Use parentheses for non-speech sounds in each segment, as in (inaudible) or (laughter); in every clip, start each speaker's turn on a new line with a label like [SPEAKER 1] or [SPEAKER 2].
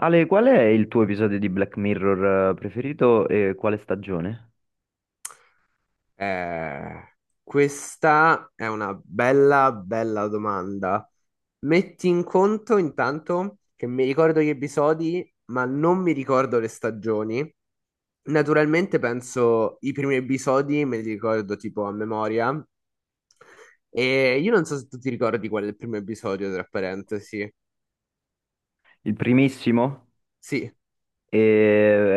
[SPEAKER 1] Ale, qual è il tuo episodio di Black Mirror preferito e quale stagione?
[SPEAKER 2] Eh, questa è una bella, bella domanda. Metti in conto intanto che mi ricordo gli episodi, ma non mi ricordo le stagioni. Naturalmente penso i primi episodi, me li ricordo tipo a memoria. E io non so se tu ti ricordi qual è il primo episodio, tra parentesi.
[SPEAKER 1] Il primissimo
[SPEAKER 2] Sì,
[SPEAKER 1] eh,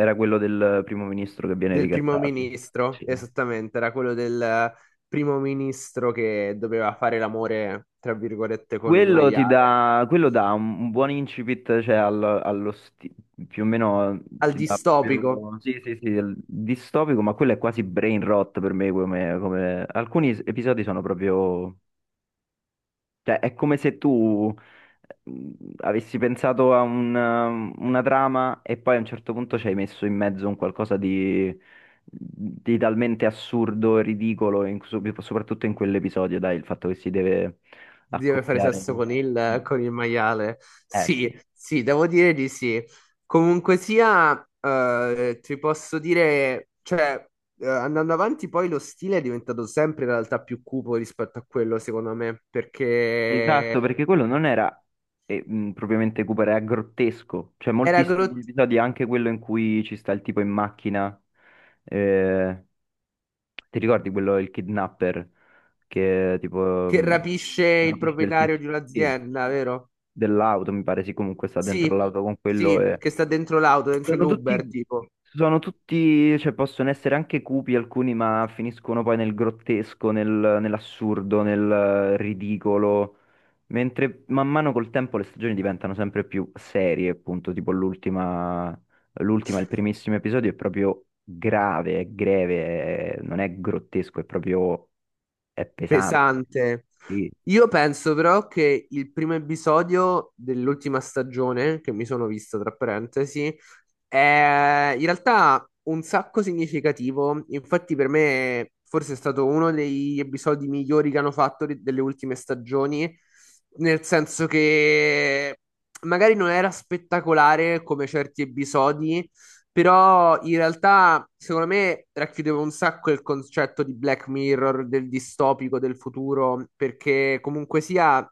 [SPEAKER 1] era quello del primo ministro che viene
[SPEAKER 2] del primo
[SPEAKER 1] ricattato.
[SPEAKER 2] ministro,
[SPEAKER 1] Sì.
[SPEAKER 2] esattamente, era quello del primo ministro che doveva fare l'amore, tra virgolette, con un maiale.
[SPEAKER 1] Quello dà un buon incipit, cioè più o meno
[SPEAKER 2] Al
[SPEAKER 1] ti dà
[SPEAKER 2] distopico
[SPEAKER 1] proprio, sì, sì, sì, il distopico, ma quello è quasi brain rot per me, come, alcuni episodi sono proprio Cioè, è come se tu mm, avessi pensato a una trama e poi a un certo punto ci hai messo in mezzo un qualcosa di talmente assurdo e ridicolo, soprattutto in quell'episodio, dai, il fatto che si deve
[SPEAKER 2] deve fare
[SPEAKER 1] accoppiare.
[SPEAKER 2] sesso con il,
[SPEAKER 1] Sì.
[SPEAKER 2] con il maiale.
[SPEAKER 1] Eh sì.
[SPEAKER 2] Sì, sì, devo dire di sì. Comunque sia, ti posso dire, cioè, andando avanti, poi lo stile è diventato sempre in realtà più cupo rispetto a quello, secondo me, perché
[SPEAKER 1] Esatto, perché quello non era propriamente Cooper, era grottesco. Cioè,
[SPEAKER 2] era
[SPEAKER 1] moltissimi
[SPEAKER 2] Groot
[SPEAKER 1] episodi, anche quello in cui ci sta il tipo in macchina. eh, Ti ricordi quello, il kidnapper, che tipo
[SPEAKER 2] che rapisce
[SPEAKER 1] Sì,
[SPEAKER 2] il
[SPEAKER 1] rapisce il
[SPEAKER 2] proprietario
[SPEAKER 1] tizio,
[SPEAKER 2] di
[SPEAKER 1] sì,
[SPEAKER 2] un'azienda, vero?
[SPEAKER 1] dell'auto, mi pare, sì, comunque sta dentro
[SPEAKER 2] Sì,
[SPEAKER 1] l'auto con quello
[SPEAKER 2] sì,
[SPEAKER 1] e
[SPEAKER 2] che sta dentro l'auto, dentro
[SPEAKER 1] Sono
[SPEAKER 2] l'Uber,
[SPEAKER 1] tutti,
[SPEAKER 2] tipo.
[SPEAKER 1] sono tutti, cioè possono essere anche cupi alcuni, ma finiscono poi nel grottesco, nell'assurdo, nel ridicolo. Mentre man mano col tempo le stagioni diventano sempre più serie, appunto, tipo l'ultima, il primissimo episodio è proprio grave, è greve, non è grottesco, è proprio, è pesante.
[SPEAKER 2] Pesante.
[SPEAKER 1] Sì.
[SPEAKER 2] Io penso però che il primo episodio dell'ultima stagione, che mi sono visto tra parentesi, è in realtà un sacco significativo. Infatti, per me, forse è stato uno degli episodi migliori che hanno fatto delle ultime stagioni, nel senso che magari non era spettacolare come certi episodi. Però in realtà, secondo me, racchiudeva un sacco il concetto di Black Mirror, del distopico del futuro, perché comunque sia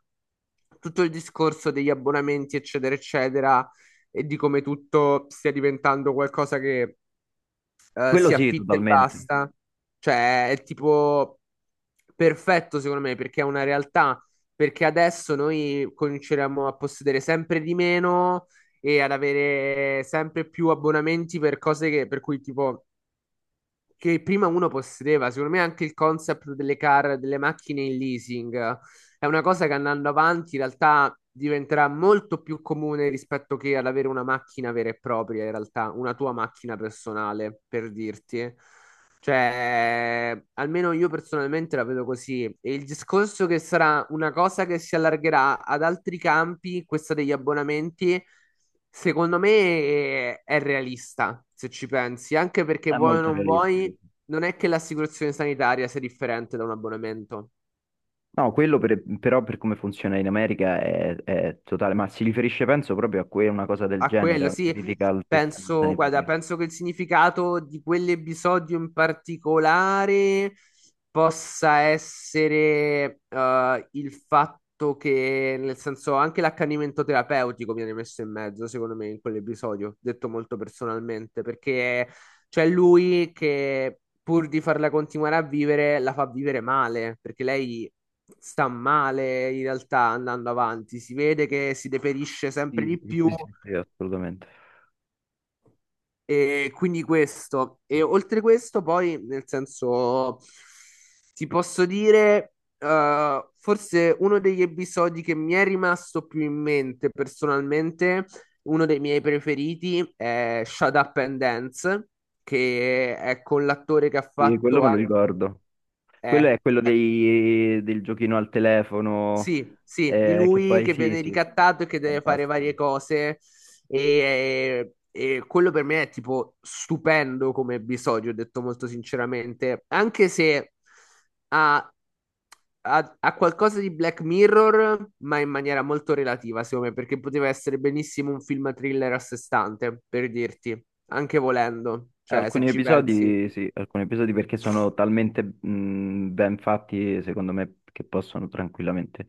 [SPEAKER 2] tutto il discorso degli abbonamenti, eccetera, eccetera, e di come tutto stia diventando qualcosa che
[SPEAKER 1] Quello
[SPEAKER 2] si
[SPEAKER 1] sì,
[SPEAKER 2] affitta e
[SPEAKER 1] totalmente,
[SPEAKER 2] basta. Cioè, è tipo perfetto secondo me perché è una realtà. Perché adesso noi cominceremo a possedere sempre di meno e ad avere sempre più abbonamenti per cose che, per cui tipo che prima uno possedeva. Secondo me anche il concept delle car, delle macchine in leasing, è una cosa che andando avanti in realtà diventerà molto più comune rispetto che ad avere una macchina vera e propria, in realtà, una tua macchina personale, per dirti. Cioè, almeno io personalmente la vedo così. E il discorso che sarà una cosa che si allargherà ad altri campi, questa degli abbonamenti, secondo me è realista, se ci pensi, anche perché
[SPEAKER 1] è
[SPEAKER 2] vuoi o
[SPEAKER 1] molto
[SPEAKER 2] non
[SPEAKER 1] realistico.
[SPEAKER 2] vuoi, non è che l'assicurazione sanitaria sia differente da un abbonamento.
[SPEAKER 1] No, quello però per come funziona in America è totale, ma si riferisce penso proprio a una cosa del
[SPEAKER 2] A
[SPEAKER 1] genere,
[SPEAKER 2] quello,
[SPEAKER 1] una
[SPEAKER 2] sì,
[SPEAKER 1] critica al sistema
[SPEAKER 2] penso, guarda,
[SPEAKER 1] sanitario.
[SPEAKER 2] penso che il significato di quell'episodio in particolare possa essere, il fatto che, nel senso, anche l'accanimento terapeutico viene messo in mezzo, secondo me, in quell'episodio, detto molto personalmente, perché c'è lui che pur di farla continuare a vivere, la fa vivere male, perché lei sta male in realtà andando avanti, si vede che si deperisce sempre
[SPEAKER 1] Sì,
[SPEAKER 2] di
[SPEAKER 1] sì,
[SPEAKER 2] più,
[SPEAKER 1] sì, sì, sì, assolutamente.
[SPEAKER 2] e quindi questo, e oltre questo, poi nel senso, ti posso dire, forse uno degli episodi che mi è rimasto più in mente personalmente, uno dei miei preferiti è Shut Up and Dance, che è con l'attore che ha
[SPEAKER 1] Sì, quello
[SPEAKER 2] fatto,
[SPEAKER 1] me lo ricordo. Quello
[SPEAKER 2] eh,
[SPEAKER 1] è quello del giochino al telefono,
[SPEAKER 2] sì, sì, di
[SPEAKER 1] che
[SPEAKER 2] lui
[SPEAKER 1] poi
[SPEAKER 2] che
[SPEAKER 1] sì,
[SPEAKER 2] viene
[SPEAKER 1] sì.
[SPEAKER 2] ricattato e che deve fare
[SPEAKER 1] Fantastico.
[SPEAKER 2] varie cose. E quello per me è tipo stupendo come episodio, ho detto molto sinceramente. Anche se ha, ha qualcosa di Black Mirror, ma in maniera molto relativa, secondo me, perché poteva essere benissimo un film thriller a sé stante, per dirti, anche volendo, cioè se
[SPEAKER 1] Alcuni
[SPEAKER 2] ci pensi.
[SPEAKER 1] episodi, sì, alcuni episodi perché sono talmente ben fatti, secondo me, che possono tranquillamente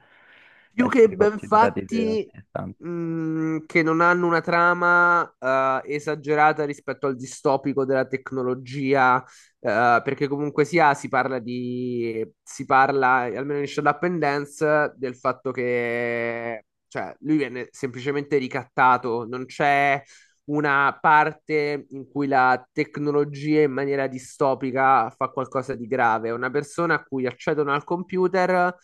[SPEAKER 2] Più che
[SPEAKER 1] essere
[SPEAKER 2] ben
[SPEAKER 1] considerati
[SPEAKER 2] fatti,
[SPEAKER 1] altrettanti.
[SPEAKER 2] che non hanno una trama esagerata rispetto al distopico della tecnologia, perché comunque sia si parla, almeno in Shut Up and Dance, del fatto che, cioè, lui viene semplicemente ricattato, non c'è una parte in cui la tecnologia in maniera distopica fa qualcosa di grave. Una persona a cui accedono al computer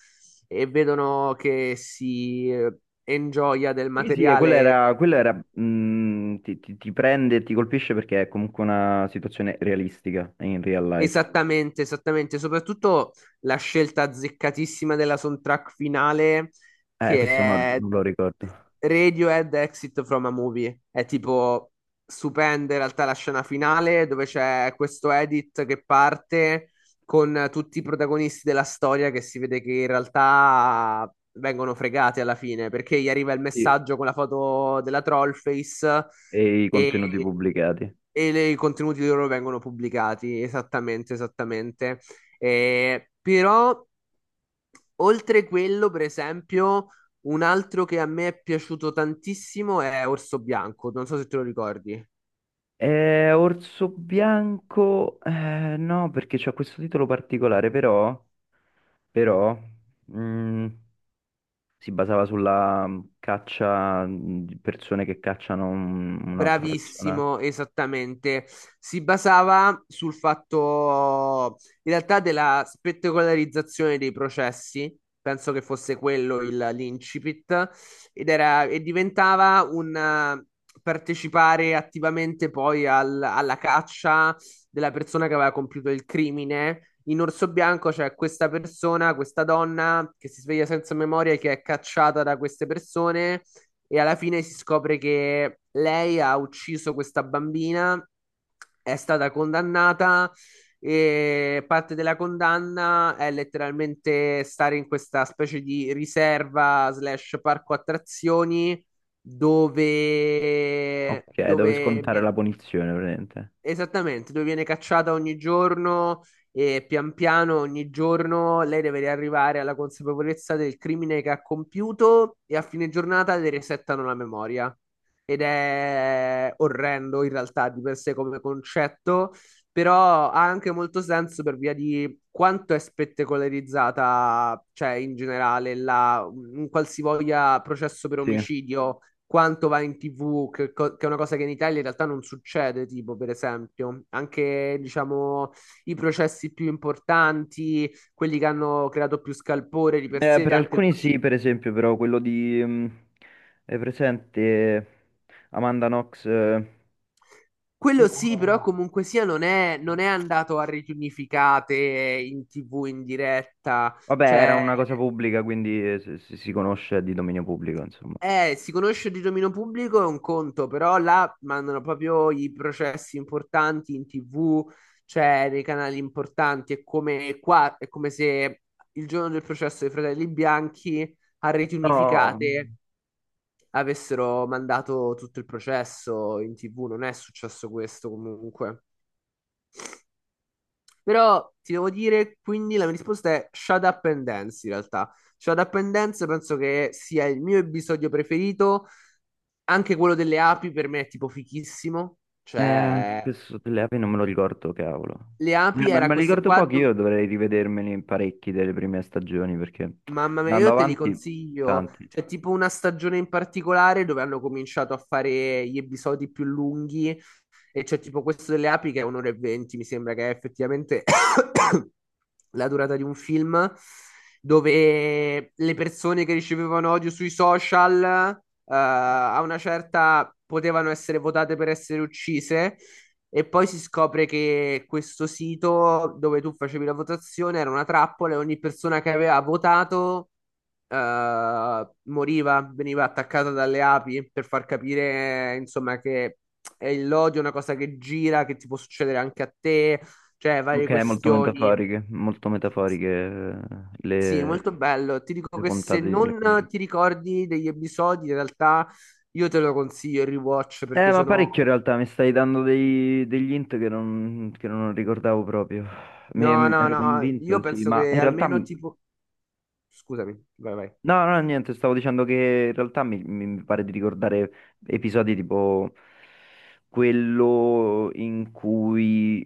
[SPEAKER 2] e vedono che si ingioia del
[SPEAKER 1] Sì, sì, e quella
[SPEAKER 2] materiale.
[SPEAKER 1] era, quella era, ti prende e ti colpisce perché è comunque una situazione realistica in real life.
[SPEAKER 2] Esattamente, esattamente, soprattutto la scelta azzeccatissima della soundtrack finale che
[SPEAKER 1] Questo non,
[SPEAKER 2] è
[SPEAKER 1] non lo ricordo.
[SPEAKER 2] Radiohead Exit from a Movie. È tipo stupenda in realtà la scena finale dove c'è questo edit che parte con tutti i protagonisti della storia che si vede che in realtà vengono fregati alla fine perché gli arriva il
[SPEAKER 1] Sì,
[SPEAKER 2] messaggio con la foto della Trollface
[SPEAKER 1] e i
[SPEAKER 2] e
[SPEAKER 1] contenuti pubblicati.
[SPEAKER 2] e i contenuti loro vengono pubblicati, esattamente, esattamente. Però, oltre quello, per esempio, un altro che a me è piaciuto tantissimo è Orso Bianco, non so se te lo ricordi.
[SPEAKER 1] Orso Bianco, no, perché c'ha questo titolo particolare, però, mm, si basava sulla caccia di persone che cacciano un'altra persona.
[SPEAKER 2] Bravissimo, esattamente. Si basava sul fatto, in realtà, della spettacolarizzazione dei processi, penso che fosse quello l'incipit, ed era, e diventava un, partecipare attivamente poi alla caccia della persona che aveva compiuto il crimine. In Orso Bianco c'è questa persona, questa donna che si sveglia senza memoria e che è cacciata da queste persone e alla fine si scopre che lei ha ucciso questa bambina, è stata condannata e parte della condanna è letteralmente stare in questa specie di riserva slash parco attrazioni dove,
[SPEAKER 1] Ok, dove
[SPEAKER 2] dove.
[SPEAKER 1] scontare la punizione, praticamente.
[SPEAKER 2] Esattamente, dove viene cacciata ogni giorno e pian piano ogni giorno lei deve arrivare alla consapevolezza del crimine che ha compiuto e a fine giornata le resettano la memoria. Ed è orrendo in realtà di per sé come concetto, però ha anche molto senso per via di quanto è spettacolarizzata, cioè in generale, la, un qualsivoglia processo per
[SPEAKER 1] Sì.
[SPEAKER 2] omicidio quanto va in TV, che, che è una cosa che in Italia in realtà non succede, tipo per esempio, anche diciamo i processi più importanti, quelli che hanno creato più scalpore di per sé,
[SPEAKER 1] Per
[SPEAKER 2] anche il
[SPEAKER 1] alcuni sì, per esempio, però quello di, è presente Amanda Knox? Eh, no.
[SPEAKER 2] quello sì,
[SPEAKER 1] No,
[SPEAKER 2] però comunque sia
[SPEAKER 1] no.
[SPEAKER 2] non è andato a reti unificate in TV in diretta,
[SPEAKER 1] Vabbè, era
[SPEAKER 2] cioè.
[SPEAKER 1] una cosa pubblica, quindi si conosce è di dominio pubblico, insomma.
[SPEAKER 2] Si conosce di dominio pubblico è un conto, però là mandano proprio i processi importanti in TV, cioè nei canali importanti. È come qua, è come se il giorno del processo dei Fratelli Bianchi a reti
[SPEAKER 1] No.
[SPEAKER 2] unificate avessero mandato tutto il processo in TV. Non è successo questo comunque. Però ti devo dire, quindi la mia risposta è Shut Up and Dance in realtà. Shut Up and Dance penso che sia il mio episodio preferito. Anche quello delle api per me è tipo fichissimo.
[SPEAKER 1] Anche
[SPEAKER 2] Cioè,
[SPEAKER 1] questo delle api non me lo ricordo, cavolo.
[SPEAKER 2] le api
[SPEAKER 1] Ma,
[SPEAKER 2] era
[SPEAKER 1] ma
[SPEAKER 2] questo
[SPEAKER 1] ricordo
[SPEAKER 2] qua.
[SPEAKER 1] pochi, io dovrei rivedermeli parecchi delle prime stagioni perché
[SPEAKER 2] Mamma mia,
[SPEAKER 1] andando
[SPEAKER 2] io te li
[SPEAKER 1] avanti,
[SPEAKER 2] consiglio.
[SPEAKER 1] tanti.
[SPEAKER 2] C'è tipo una stagione in particolare dove hanno cominciato a fare gli episodi più lunghi. E c'è tipo questo delle api che è 1 ora e 20. Mi sembra che è effettivamente (coughs) la durata di un film dove le persone che ricevevano odio sui social, eh, a una certa potevano essere votate per essere uccise, e poi si scopre che questo sito dove tu facevi la votazione era una trappola e ogni persona che aveva votato moriva, veniva attaccata dalle api per far capire, insomma, che è l'odio è una cosa che gira, che ti può succedere anche a te, cioè varie
[SPEAKER 1] Ok,
[SPEAKER 2] questioni.
[SPEAKER 1] molto metaforiche
[SPEAKER 2] Sì,
[SPEAKER 1] le,
[SPEAKER 2] molto bello. Ti dico
[SPEAKER 1] le
[SPEAKER 2] che se
[SPEAKER 1] puntate di
[SPEAKER 2] non
[SPEAKER 1] Black Mirror.
[SPEAKER 2] ti ricordi degli episodi, in realtà io te lo consiglio il rewatch perché
[SPEAKER 1] Ma
[SPEAKER 2] sono...
[SPEAKER 1] parecchio in realtà, mi stai dando degli int che non ricordavo proprio. Mi,
[SPEAKER 2] No,
[SPEAKER 1] mi
[SPEAKER 2] no,
[SPEAKER 1] ero
[SPEAKER 2] no, io
[SPEAKER 1] convinto, sì,
[SPEAKER 2] penso
[SPEAKER 1] ma in
[SPEAKER 2] che
[SPEAKER 1] realtà
[SPEAKER 2] almeno tipo... Scusami, vai, vai.
[SPEAKER 1] No, no, niente, stavo dicendo che in realtà mi pare di ricordare episodi tipo quello in cui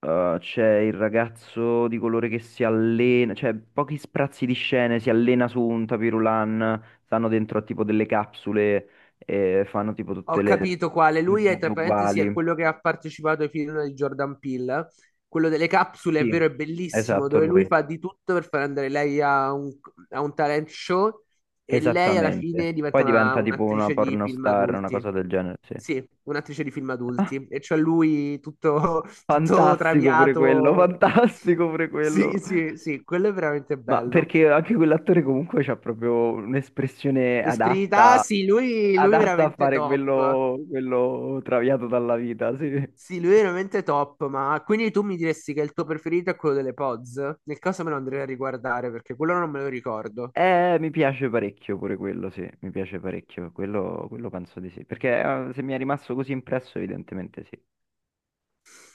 [SPEAKER 1] c'è il ragazzo di colore che si allena, cioè pochi sprazzi di scene, si allena su un tapirulan, stanno dentro a tipo delle capsule e fanno tipo
[SPEAKER 2] Ho
[SPEAKER 1] tutte le
[SPEAKER 2] capito quale. Lui è,
[SPEAKER 1] giornate
[SPEAKER 2] tra parentesi, è
[SPEAKER 1] uguali.
[SPEAKER 2] quello che ha partecipato ai film di Jordan Peele. Quello delle capsule, è
[SPEAKER 1] Sì,
[SPEAKER 2] vero, è bellissimo,
[SPEAKER 1] esatto,
[SPEAKER 2] dove lui
[SPEAKER 1] lui.
[SPEAKER 2] fa di tutto per far andare lei a un talent show, e lei alla
[SPEAKER 1] Esattamente.
[SPEAKER 2] fine diventa
[SPEAKER 1] Poi diventa tipo una
[SPEAKER 2] un'attrice di film
[SPEAKER 1] pornostar, una cosa
[SPEAKER 2] adulti.
[SPEAKER 1] del genere, sì.
[SPEAKER 2] Sì, un'attrice di film adulti. E c'è lui tutto, (laughs) tutto
[SPEAKER 1] Fantastico pure quello, (laughs)
[SPEAKER 2] traviato.
[SPEAKER 1] fantastico pure quello.
[SPEAKER 2] Sì, sì, sì, quello è veramente
[SPEAKER 1] Ma
[SPEAKER 2] bello.
[SPEAKER 1] perché anche quell'attore comunque c'ha proprio un'espressione
[SPEAKER 2] L'esperienza,
[SPEAKER 1] adatta,
[SPEAKER 2] sì, lui
[SPEAKER 1] adatta a
[SPEAKER 2] veramente
[SPEAKER 1] fare
[SPEAKER 2] top.
[SPEAKER 1] quello, quello traviato dalla vita, sì.
[SPEAKER 2] Sì, lui è veramente top, ma quindi tu mi diresti che il tuo preferito è quello delle Pods? Nel caso me lo andrei a riguardare perché quello non me lo ricordo.
[SPEAKER 1] Mi piace parecchio pure quello, sì, mi piace parecchio, quello penso di sì. Perché se mi è rimasto così impresso, evidentemente sì.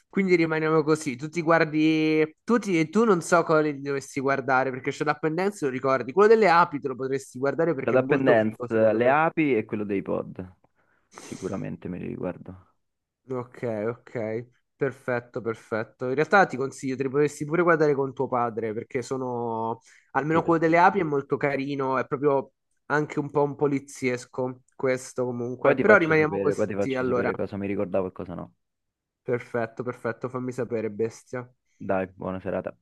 [SPEAKER 2] Quindi rimaniamo così, tu ti guardi, tu non so quale ti dovresti guardare perché Shut Up and Dance lo ricordi, quello delle api te lo potresti guardare perché
[SPEAKER 1] La
[SPEAKER 2] è
[SPEAKER 1] Up and
[SPEAKER 2] molto
[SPEAKER 1] Dance,
[SPEAKER 2] figo secondo
[SPEAKER 1] le
[SPEAKER 2] me.
[SPEAKER 1] api e quello dei pod, sicuramente me li riguardo.
[SPEAKER 2] Ok, ok, perfetto, perfetto. In realtà ti consiglio, te li potresti pure guardare con tuo padre, perché sono,
[SPEAKER 1] Sì,
[SPEAKER 2] almeno quello delle api è
[SPEAKER 1] assolutamente.
[SPEAKER 2] molto carino, è proprio anche un po' un poliziesco questo
[SPEAKER 1] Poi
[SPEAKER 2] comunque.
[SPEAKER 1] ti
[SPEAKER 2] Però
[SPEAKER 1] faccio
[SPEAKER 2] rimaniamo
[SPEAKER 1] sapere, poi ti
[SPEAKER 2] così,
[SPEAKER 1] faccio
[SPEAKER 2] allora.
[SPEAKER 1] sapere cosa mi ricordavo e cosa no.
[SPEAKER 2] Perfetto, perfetto, fammi sapere, bestia.
[SPEAKER 1] Dai, buona serata.